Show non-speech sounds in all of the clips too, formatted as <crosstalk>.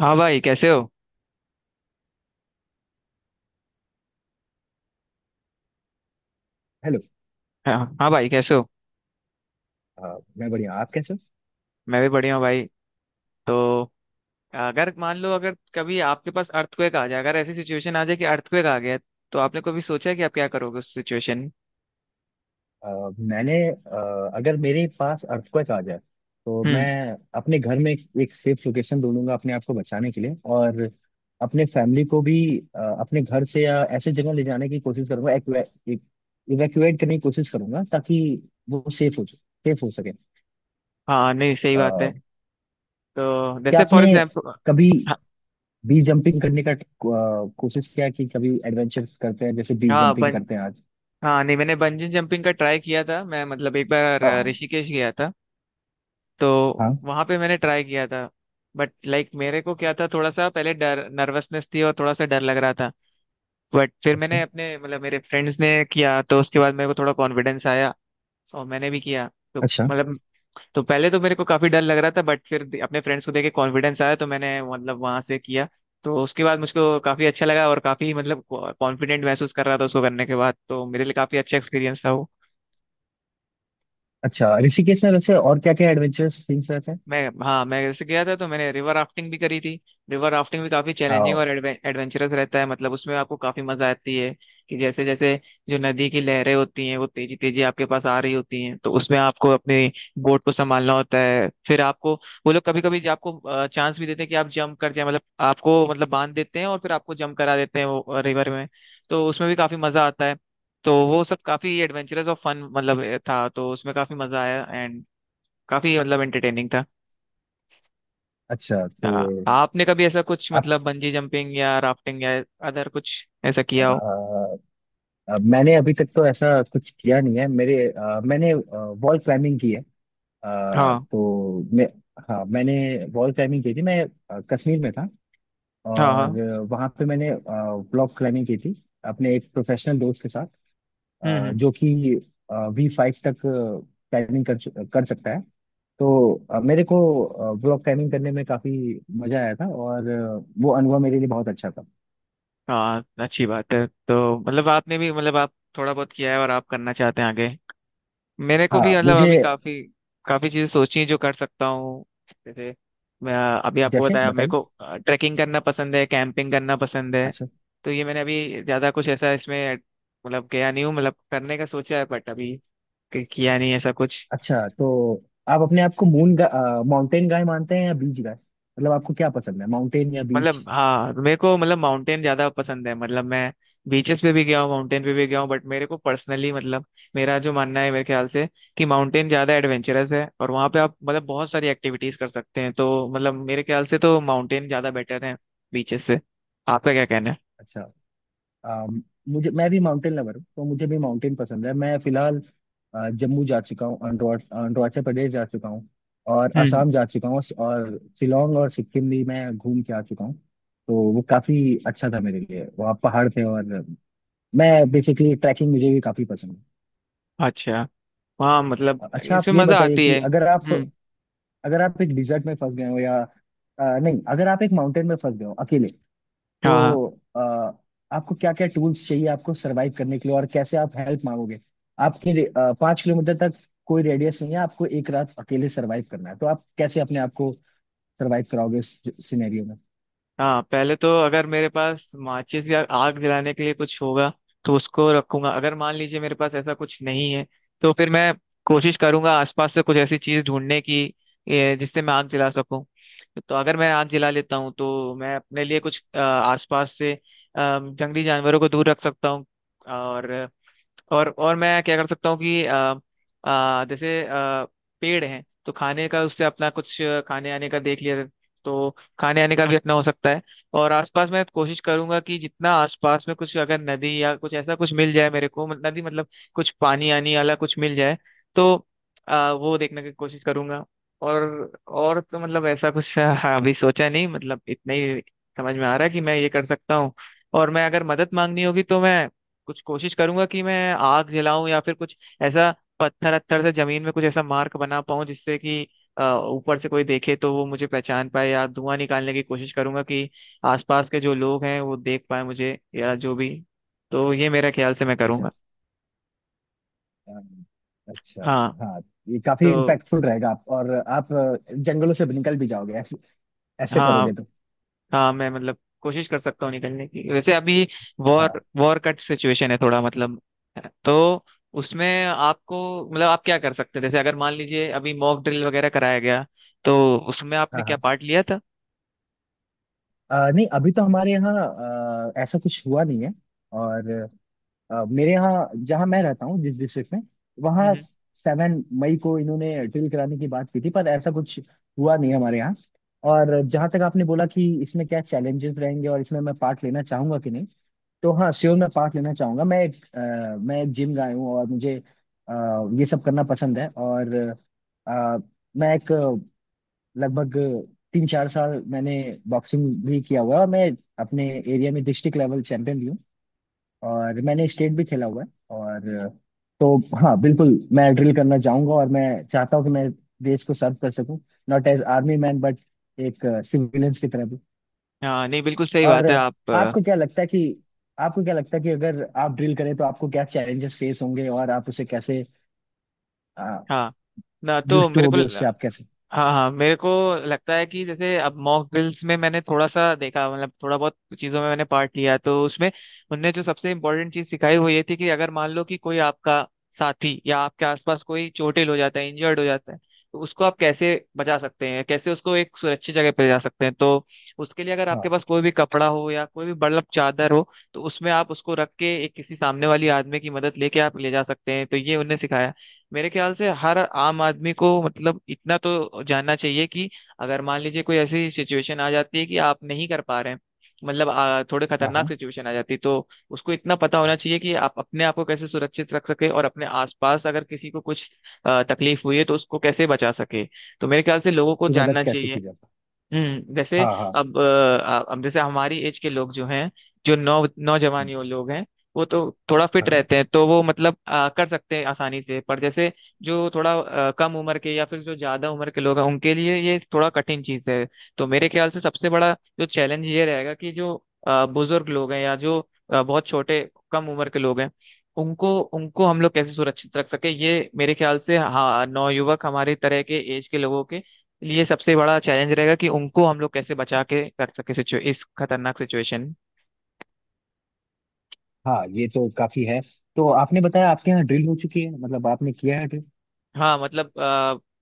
हाँ भाई, कैसे हो? हेलो। हाँ। हाँ भाई, कैसे हो? मैं बढ़िया। आप कैसे हो? मैं भी बढ़िया हूँ भाई। तो अगर मान लो, अगर कभी आपके पास अर्थक्वेक आ जाए, अगर ऐसी सिचुएशन आ जाए कि अर्थक्वेक आ गया, तो आपने कभी सोचा है कि आप क्या करोगे उस सिचुएशन में? अगर मेरे पास अर्थक्वेक आ जाए तो मैं हम्म। अपने घर में एक सेफ लोकेशन ढूंढूंगा अपने आप को बचाने के लिए, और अपने फैमिली को भी। अपने घर से या ऐसे जगह ले जाने की कोशिश करूंगा, इवैक्यूएट करने की कोशिश करूंगा, ताकि वो सेफ हो सके। हाँ नहीं, सही बात अ, है। तो क्या जैसे, आपने फॉर एग्जाम्पल। कभी हाँ, बी जंपिंग करने का कोशिश किया है कि कभी एडवेंचर करते हैं, जैसे बी हाँ, जंपिंग बन करते हैं आज? हाँ नहीं, मैंने बंजी जंपिंग का ट्राई किया था। मैं मतलब एक बार आह, ऋषिकेश गया था। तो हाँ। वहां पे मैंने ट्राई किया था। बट लाइक मेरे को क्या था, थोड़ा सा पहले डर, नर्वसनेस थी, और थोड़ा सा डर लग रहा था। बट फिर अच्छा। मैंने अपने मतलब मेरे फ्रेंड्स ने किया, तो उसके बाद मेरे को थोड़ा कॉन्फिडेंस आया, और मैंने भी किया। तो अच्छा। मतलब, तो पहले तो मेरे को काफी डर लग रहा था, बट फिर अपने फ्रेंड्स को देख के कॉन्फिडेंस आया, तो मैंने मतलब वहां से किया। तो उसके बाद मुझको काफी अच्छा लगा, और काफी मतलब कॉन्फिडेंट महसूस कर रहा था उसको करने के बाद। तो मेरे लिए काफी अच्छा एक्सपीरियंस था वो। अच्छा, ऋषिकेश में वैसे और क्या क्या एडवेंचरस थिंग्स रहते हैं? मैं हाँ, मैं जैसे गया था, तो मैंने रिवर राफ्टिंग भी करी थी। रिवर राफ्टिंग भी काफी आओ। चैलेंजिंग और एडवेंचरस रहता है। मतलब उसमें आपको काफी मजा आती है कि जैसे जैसे जो नदी की लहरें होती हैं, वो तेजी तेजी आपके पास आ रही होती हैं, तो उसमें आपको अपनी बोट को संभालना होता है। फिर आपको वो लोग कभी कभी आपको चांस भी देते हैं कि आप जंप कर जाए, मतलब आपको मतलब बांध देते हैं और फिर आपको जंप करा देते हैं वो रिवर में। तो उसमें भी काफी मजा आता है। तो वो सब काफी एडवेंचरस और फन मतलब था, तो उसमें काफी मजा आया, एंड काफी मतलब एंटरटेनिंग था। अच्छा, तो हाँ, आपने कभी ऐसा कुछ आप मतलब बंजी जंपिंग या राफ्टिंग या अदर कुछ ऐसा किया हो? अ, मैंने अभी तक तो ऐसा कुछ किया नहीं है। मैंने वॉल क्लाइंबिंग की है। हाँ। तो मैं, हाँ, मैंने वॉल क्लाइंबिंग की थी। मैं कश्मीर में था, हाँ। और हाँ। वहाँ पे मैंने ब्लॉक क्लाइंबिंग की थी, अपने एक प्रोफेशनल दोस्त के साथ, हम्म। हम्म। जो कि V5 तक क्लाइंबिंग कर सकता है। तो मेरे को व्लॉग टाइमिंग करने में काफी मजा आया था, और वो अनुभव मेरे लिए बहुत अच्छा था। हाँ, अच्छी बात है। तो मतलब आपने भी मतलब आप थोड़ा बहुत किया है, और आप करना चाहते हैं आगे। मेरे को भी हाँ, मतलब मुझे। अभी काफी काफी चीजें सोची हैं जो कर सकता हूँ, जैसे, मैं अभी आपको जैसे बताया, मेरे बताइए। को ट्रैकिंग करना पसंद है, कैंपिंग करना पसंद है। अच्छा। तो ये मैंने अभी ज्यादा कुछ ऐसा इसमें मतलब गया नहीं हूँ, मतलब करने का सोचा है बट अभी किया नहीं ऐसा कुछ। अच्छा, तो आप अपने आप को माउंटेन गाय मानते हैं या बीच गाय? मतलब आपको क्या पसंद है, माउंटेन या बीच? मतलब, हाँ, मेरे को मतलब माउंटेन ज्यादा पसंद है। मतलब मैं बीचेस पे भी गया हूँ, माउंटेन पे भी गया हूँ, बट मेरे को पर्सनली मतलब मेरा जो मानना है, मेरे ख्याल से, कि माउंटेन ज्यादा एडवेंचरस है, और वहाँ पे आप मतलब बहुत सारी एक्टिविटीज कर सकते हैं। तो मतलब मेरे ख्याल से तो माउंटेन ज्यादा बेटर है बीचेस से। आपका क्या कहना है? अच्छा। अम, मुझे मैं भी माउंटेन लवर हूँ, तो मुझे भी माउंटेन पसंद है। मैं फिलहाल जम्मू जा चुका हूँ, अरुणाचल प्रदेश जा चुका हूँ, और हम्म। असम जा चुका हूँ, और शिलोंग और सिक्किम भी मैं घूम के आ चुका हूँ। तो वो काफ़ी अच्छा था मेरे लिए, वहाँ पहाड़ थे, और मैं बेसिकली ट्रैकिंग मुझे भी काफ़ी पसंद अच्छा। हाँ मतलब है। अच्छा, आप इसमें ये मजा बताइए आती कि है। अगर आप, हम्म। अगर आप एक डिजर्ट में फंस गए हो या अ, नहीं, अगर आप एक माउंटेन में फंस गए हो अकेले, हाँ। तो आपको क्या क्या टूल्स चाहिए आपको सरवाइव करने के लिए, और कैसे आप हेल्प मांगोगे? 5 किलोमीटर तक कोई रेडियस नहीं है, आपको एक रात अकेले सरवाइव करना है, तो आप कैसे अपने आप को सरवाइव कराओगे इस सिनेरियो में? हाँ, पहले तो अगर मेरे पास माचिस या आग जलाने के लिए कुछ होगा, तो उसको रखूंगा। अगर मान लीजिए मेरे पास ऐसा कुछ नहीं है, तो फिर मैं कोशिश करूंगा आसपास से कुछ ऐसी चीज ढूंढने की, जिससे मैं आग जला सकूं। तो अगर मैं आग जला लेता हूँ, तो मैं अपने लिए कुछ आसपास से जंगली जानवरों को दूर रख सकता हूँ। और और मैं क्या कर सकता हूँ कि जैसे पेड़ हैं, तो खाने का उससे अपना कुछ खाने आने का देख लिया, तो खाने आने का भी अपना हो सकता है। और आसपास मैं कोशिश करूंगा कि जितना आसपास में कुछ अगर नदी या कुछ ऐसा कुछ मिल जाए मेरे को, नदी मतलब कुछ पानी आनी वाला कुछ मिल जाए, तो वो देखने की कोशिश करूंगा। और और तो मतलब ऐसा कुछ। <laughs> हाँ, अभी सोचा नहीं, मतलब इतना ही समझ में आ रहा है कि मैं ये कर सकता हूँ। और मैं, अगर मदद मांगनी होगी, तो मैं कुछ कोशिश करूंगा कि मैं आग जलाऊं या फिर कुछ ऐसा, पत्थर अत्थर से जमीन में कुछ ऐसा मार्क बना पाऊं, जिससे कि अ, ऊपर से कोई देखे तो वो मुझे पहचान पाए, या धुआं निकालने की कोशिश करूंगा कि आसपास के जो लोग हैं वो देख पाए मुझे, या जो भी। तो ये मेरा ख्याल से मैं अच्छा। करूंगा। अम, अच्छा। हाँ। हाँ, ये काफी तो इम्पैक्टफुल रहेगा। आप और जंगलों से निकल भी जाओगे ऐसे, ऐसे हाँ, करोगे तो। हाँ, मैं मतलब कोशिश कर सकता हूँ निकलने की, वैसे अभी वॉर हाँ, वॉर कट सिचुएशन है थोड़ा मतलब। तो उसमें आपको, मतलब आप क्या कर सकते हैं जैसे अगर मान लीजिए अभी मॉक ड्रिल वगैरह कराया गया, तो उसमें आपने हाँ। क्या हाँ, पार्ट लिया था? नहीं, अभी तो हमारे यहाँ ऐसा कुछ हुआ नहीं है। और मेरे यहाँ, जहाँ मैं रहता हूँ, जिस डिस्ट्रिक्ट में, हम्म। वहाँ हम्म। 7 मई को इन्होंने ड्रिल कराने की बात की थी, पर ऐसा कुछ हुआ नहीं हमारे यहाँ। और जहाँ तक आपने बोला कि इसमें क्या चैलेंजेस रहेंगे और इसमें मैं पार्ट लेना चाहूंगा कि नहीं, तो हाँ श्योर, मैं पार्ट लेना चाहूंगा। मैं एक जिम गाय हूँ, और मुझे अ, ये सब करना पसंद है। और अ, मैं एक अ, लगभग 3-4 साल मैंने बॉक्सिंग भी किया हुआ है, और मैं अपने एरिया में डिस्ट्रिक्ट लेवल चैंपियन भी हूँ, और मैंने स्टेट भी खेला हुआ है। और तो हाँ, बिल्कुल, मैं ड्रिल करना चाहूंगा, और मैं चाहता हूँ कि मैं देश को सर्व कर सकूं, not as army man but एक सिविलियंस की तरह भी। हाँ नहीं, बिल्कुल सही और बात है। आप आपको क्या लगता है कि आपको क्या लगता है कि अगर आप ड्रिल करें तो आपको क्या चैलेंजेस फेस होंगे, और आप उसे कैसे हाँ, ना तो यूज टू मेरे को, होगे, उससे आप कैसे? हाँ, हाँ, मेरे को लगता है कि जैसे अब मॉक ड्रिल्स में मैंने थोड़ा सा देखा, मतलब थोड़ा बहुत चीजों में मैंने पार्ट लिया, तो उसमें उनने जो सबसे इम्पोर्टेंट चीज सिखाई वो ये थी कि अगर मान लो कि कोई आपका साथी या आपके आसपास कोई चोटिल हो जाता है, इंजर्ड हो जाता है, तो उसको आप कैसे बचा सकते हैं, कैसे उसको एक सुरक्षित जगह पे ले जा सकते हैं। तो उसके लिए अगर आपके हाँ, पास कोई भी कपड़ा हो या कोई भी बर्लप चादर हो, तो उसमें आप उसको रख के एक किसी सामने वाली आदमी की मदद लेके आप ले जा सकते हैं। तो ये उनने सिखाया। मेरे ख्याल से हर आम आदमी को मतलब इतना तो जानना चाहिए कि अगर मान लीजिए कोई ऐसी सिचुएशन आ जाती है कि आप नहीं कर पा रहे हैं, मतलब थोड़े हाँ, खतरनाक हाँ, सिचुएशन आ जाती है, तो उसको इतना पता हाँ, होना चाहिए कि आप अपने आप को कैसे सुरक्षित रख सके, और अपने आसपास अगर किसी को कुछ तकलीफ हुई है तो उसको कैसे बचा सके। तो मेरे ख्याल से लोगों को की मदद जानना कैसे चाहिए। की जाती हम्म। है? जैसे हाँ, हाँ। अब अब जैसे हमारी एज के लोग जो हैं, जो नौ नौजवान हम्म। यो लोग हैं, वो तो थोड़ा फिट हाँ, रहते हैं, तो वो मतलब कर सकते हैं आसानी से। पर जैसे जो थोड़ा कम उम्र के, या फिर जो ज्यादा उम्र के लोग हैं, उनके लिए ये थोड़ा कठिन चीज है। तो मेरे ख्याल से सबसे बड़ा जो चैलेंज ये रहेगा, कि जो बुजुर्ग लोग हैं, या जो बहुत छोटे कम उम्र के लोग हैं, उनको उनको हम लोग कैसे सुरक्षित रख सके। ये मेरे ख्याल से, हाँ, नौयुवक हमारे तरह के एज के लोगों के लिए सबसे बड़ा चैलेंज रहेगा, कि उनको हम लोग कैसे बचा के रख सके, सिचु इस खतरनाक सिचुएशन। हाँ, ये तो काफी है। तो आपने बताया आपके यहाँ ड्रिल हो चुकी है, मतलब आपने किया है ड्रिल हाँ मतलब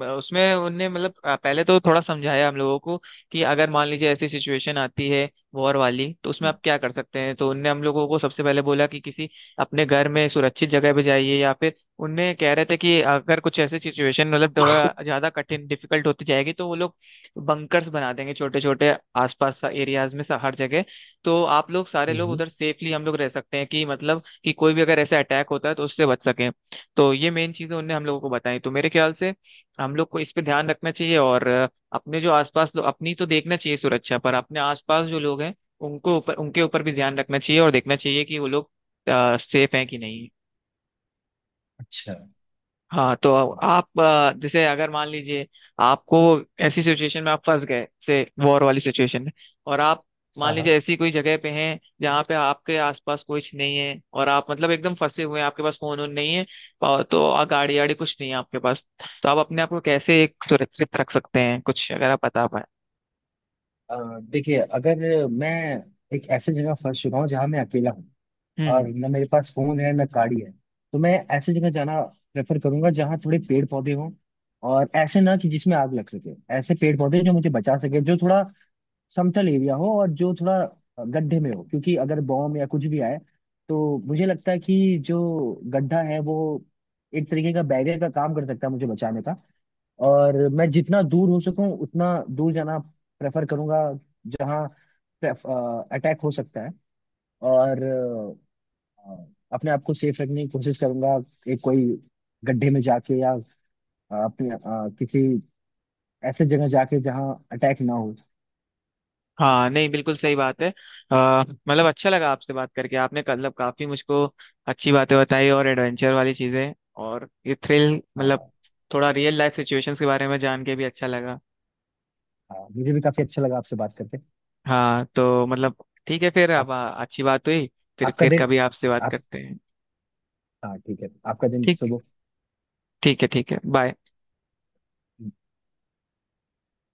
उसमें उनने मतलब पहले तो थोड़ा समझाया हम लोगों को कि अगर मान लीजिए ऐसी सिचुएशन आती है वॉर वाली, तो उसमें आप क्या कर सकते हैं। तो उनने हम लोगों को सबसे पहले बोला कि किसी अपने घर में सुरक्षित जगह पे जाइए, या फिर उनने कह रहे थे कि अगर कुछ ऐसी सिचुएशन मतलब थोड़ा ज्यादा कठिन डिफिकल्ट होती जाएगी, तो वो लोग बंकर्स बना देंगे छोटे छोटे आसपास एरियाज में, हर जगह। तो आप लोग सारे है? लोग हम्म। उधर सेफली हम लोग रह सकते हैं कि मतलब कि कोई भी अगर ऐसा अटैक होता है तो उससे बच सके। तो ये मेन चीजें उनने हम लोगों को बताई। तो मेरे ख्याल से हम लोग को इस पे ध्यान रखना चाहिए, और अपने जो आसपास लोग अपनी तो देखना चाहिए सुरक्षा, पर अपने आसपास जो लोग हैं उनको ऊपर उनके ऊपर भी ध्यान रखना चाहिए, और देखना चाहिए कि वो लोग सेफ हैं कि नहीं। अच्छा। हाँ। तो आप जैसे अगर मान लीजिए आपको ऐसी सिचुएशन में आप फंस गए जैसे वॉर वाली सिचुएशन में, और आप मान हाँ, लीजिए हाँ, ऐसी कोई जगह पे हैं जहाँ पे आपके आसपास कुछ नहीं है, और आप मतलब एकदम फंसे हुए हैं, आपके पास फोन वोन नहीं है, और तो गाड़ी वाड़ी कुछ नहीं है आपके पास, तो आप अपने आप को कैसे एक सुरक्षित रख सकते हैं, कुछ अगर आप बता देखिए, अगर मैं एक ऐसे जगह फंस चुका हूँ जहाँ मैं अकेला हूँ, पाए? और न मेरे पास फोन है न गाड़ी है, तो मैं ऐसे जगह जाना प्रेफर करूंगा जहाँ थोड़े पेड़ पौधे हों, और ऐसे ना कि जिसमें आग लग सके, ऐसे पेड़ पौधे जो मुझे बचा सके, जो थोड़ा समतल एरिया हो, और जो थोड़ा गड्ढे में हो, क्योंकि अगर बॉम्ब या कुछ भी आए, तो मुझे लगता है कि जो गड्ढा है वो एक तरीके का बैरियर का काम कर सकता है मुझे बचाने का। और मैं जितना दूर हो सकूं उतना दूर जाना प्रेफर करूंगा, जहां अटैक हो सकता है, और अ, अपने आप को सेफ रखने की कोशिश करूंगा, एक कोई गड्ढे में जाके, या अपने किसी ऐसे जगह जाके जहां अटैक ना हो। हाँ नहीं, बिल्कुल सही बात है। मतलब अच्छा लगा आपसे बात करके। आपने मतलब काफी मुझको अच्छी बातें बताई, और एडवेंचर वाली चीजें, और ये थ्रिल हाँ, मतलब, हाँ। थोड़ा रियल लाइफ सिचुएशंस के बारे में जान के भी अच्छा लगा। हाँ, मुझे भी काफी अच्छा लगा आपसे बात करके। हाँ तो मतलब ठीक है फिर अब, आप अच्छी बात हुई। फिर आपका फिर दिन कभी आपसे बात आप करते हैं। हाँ ठीक है, आपका दिन ठीक शुभ हो। ठीक है, ठीक है, बाय।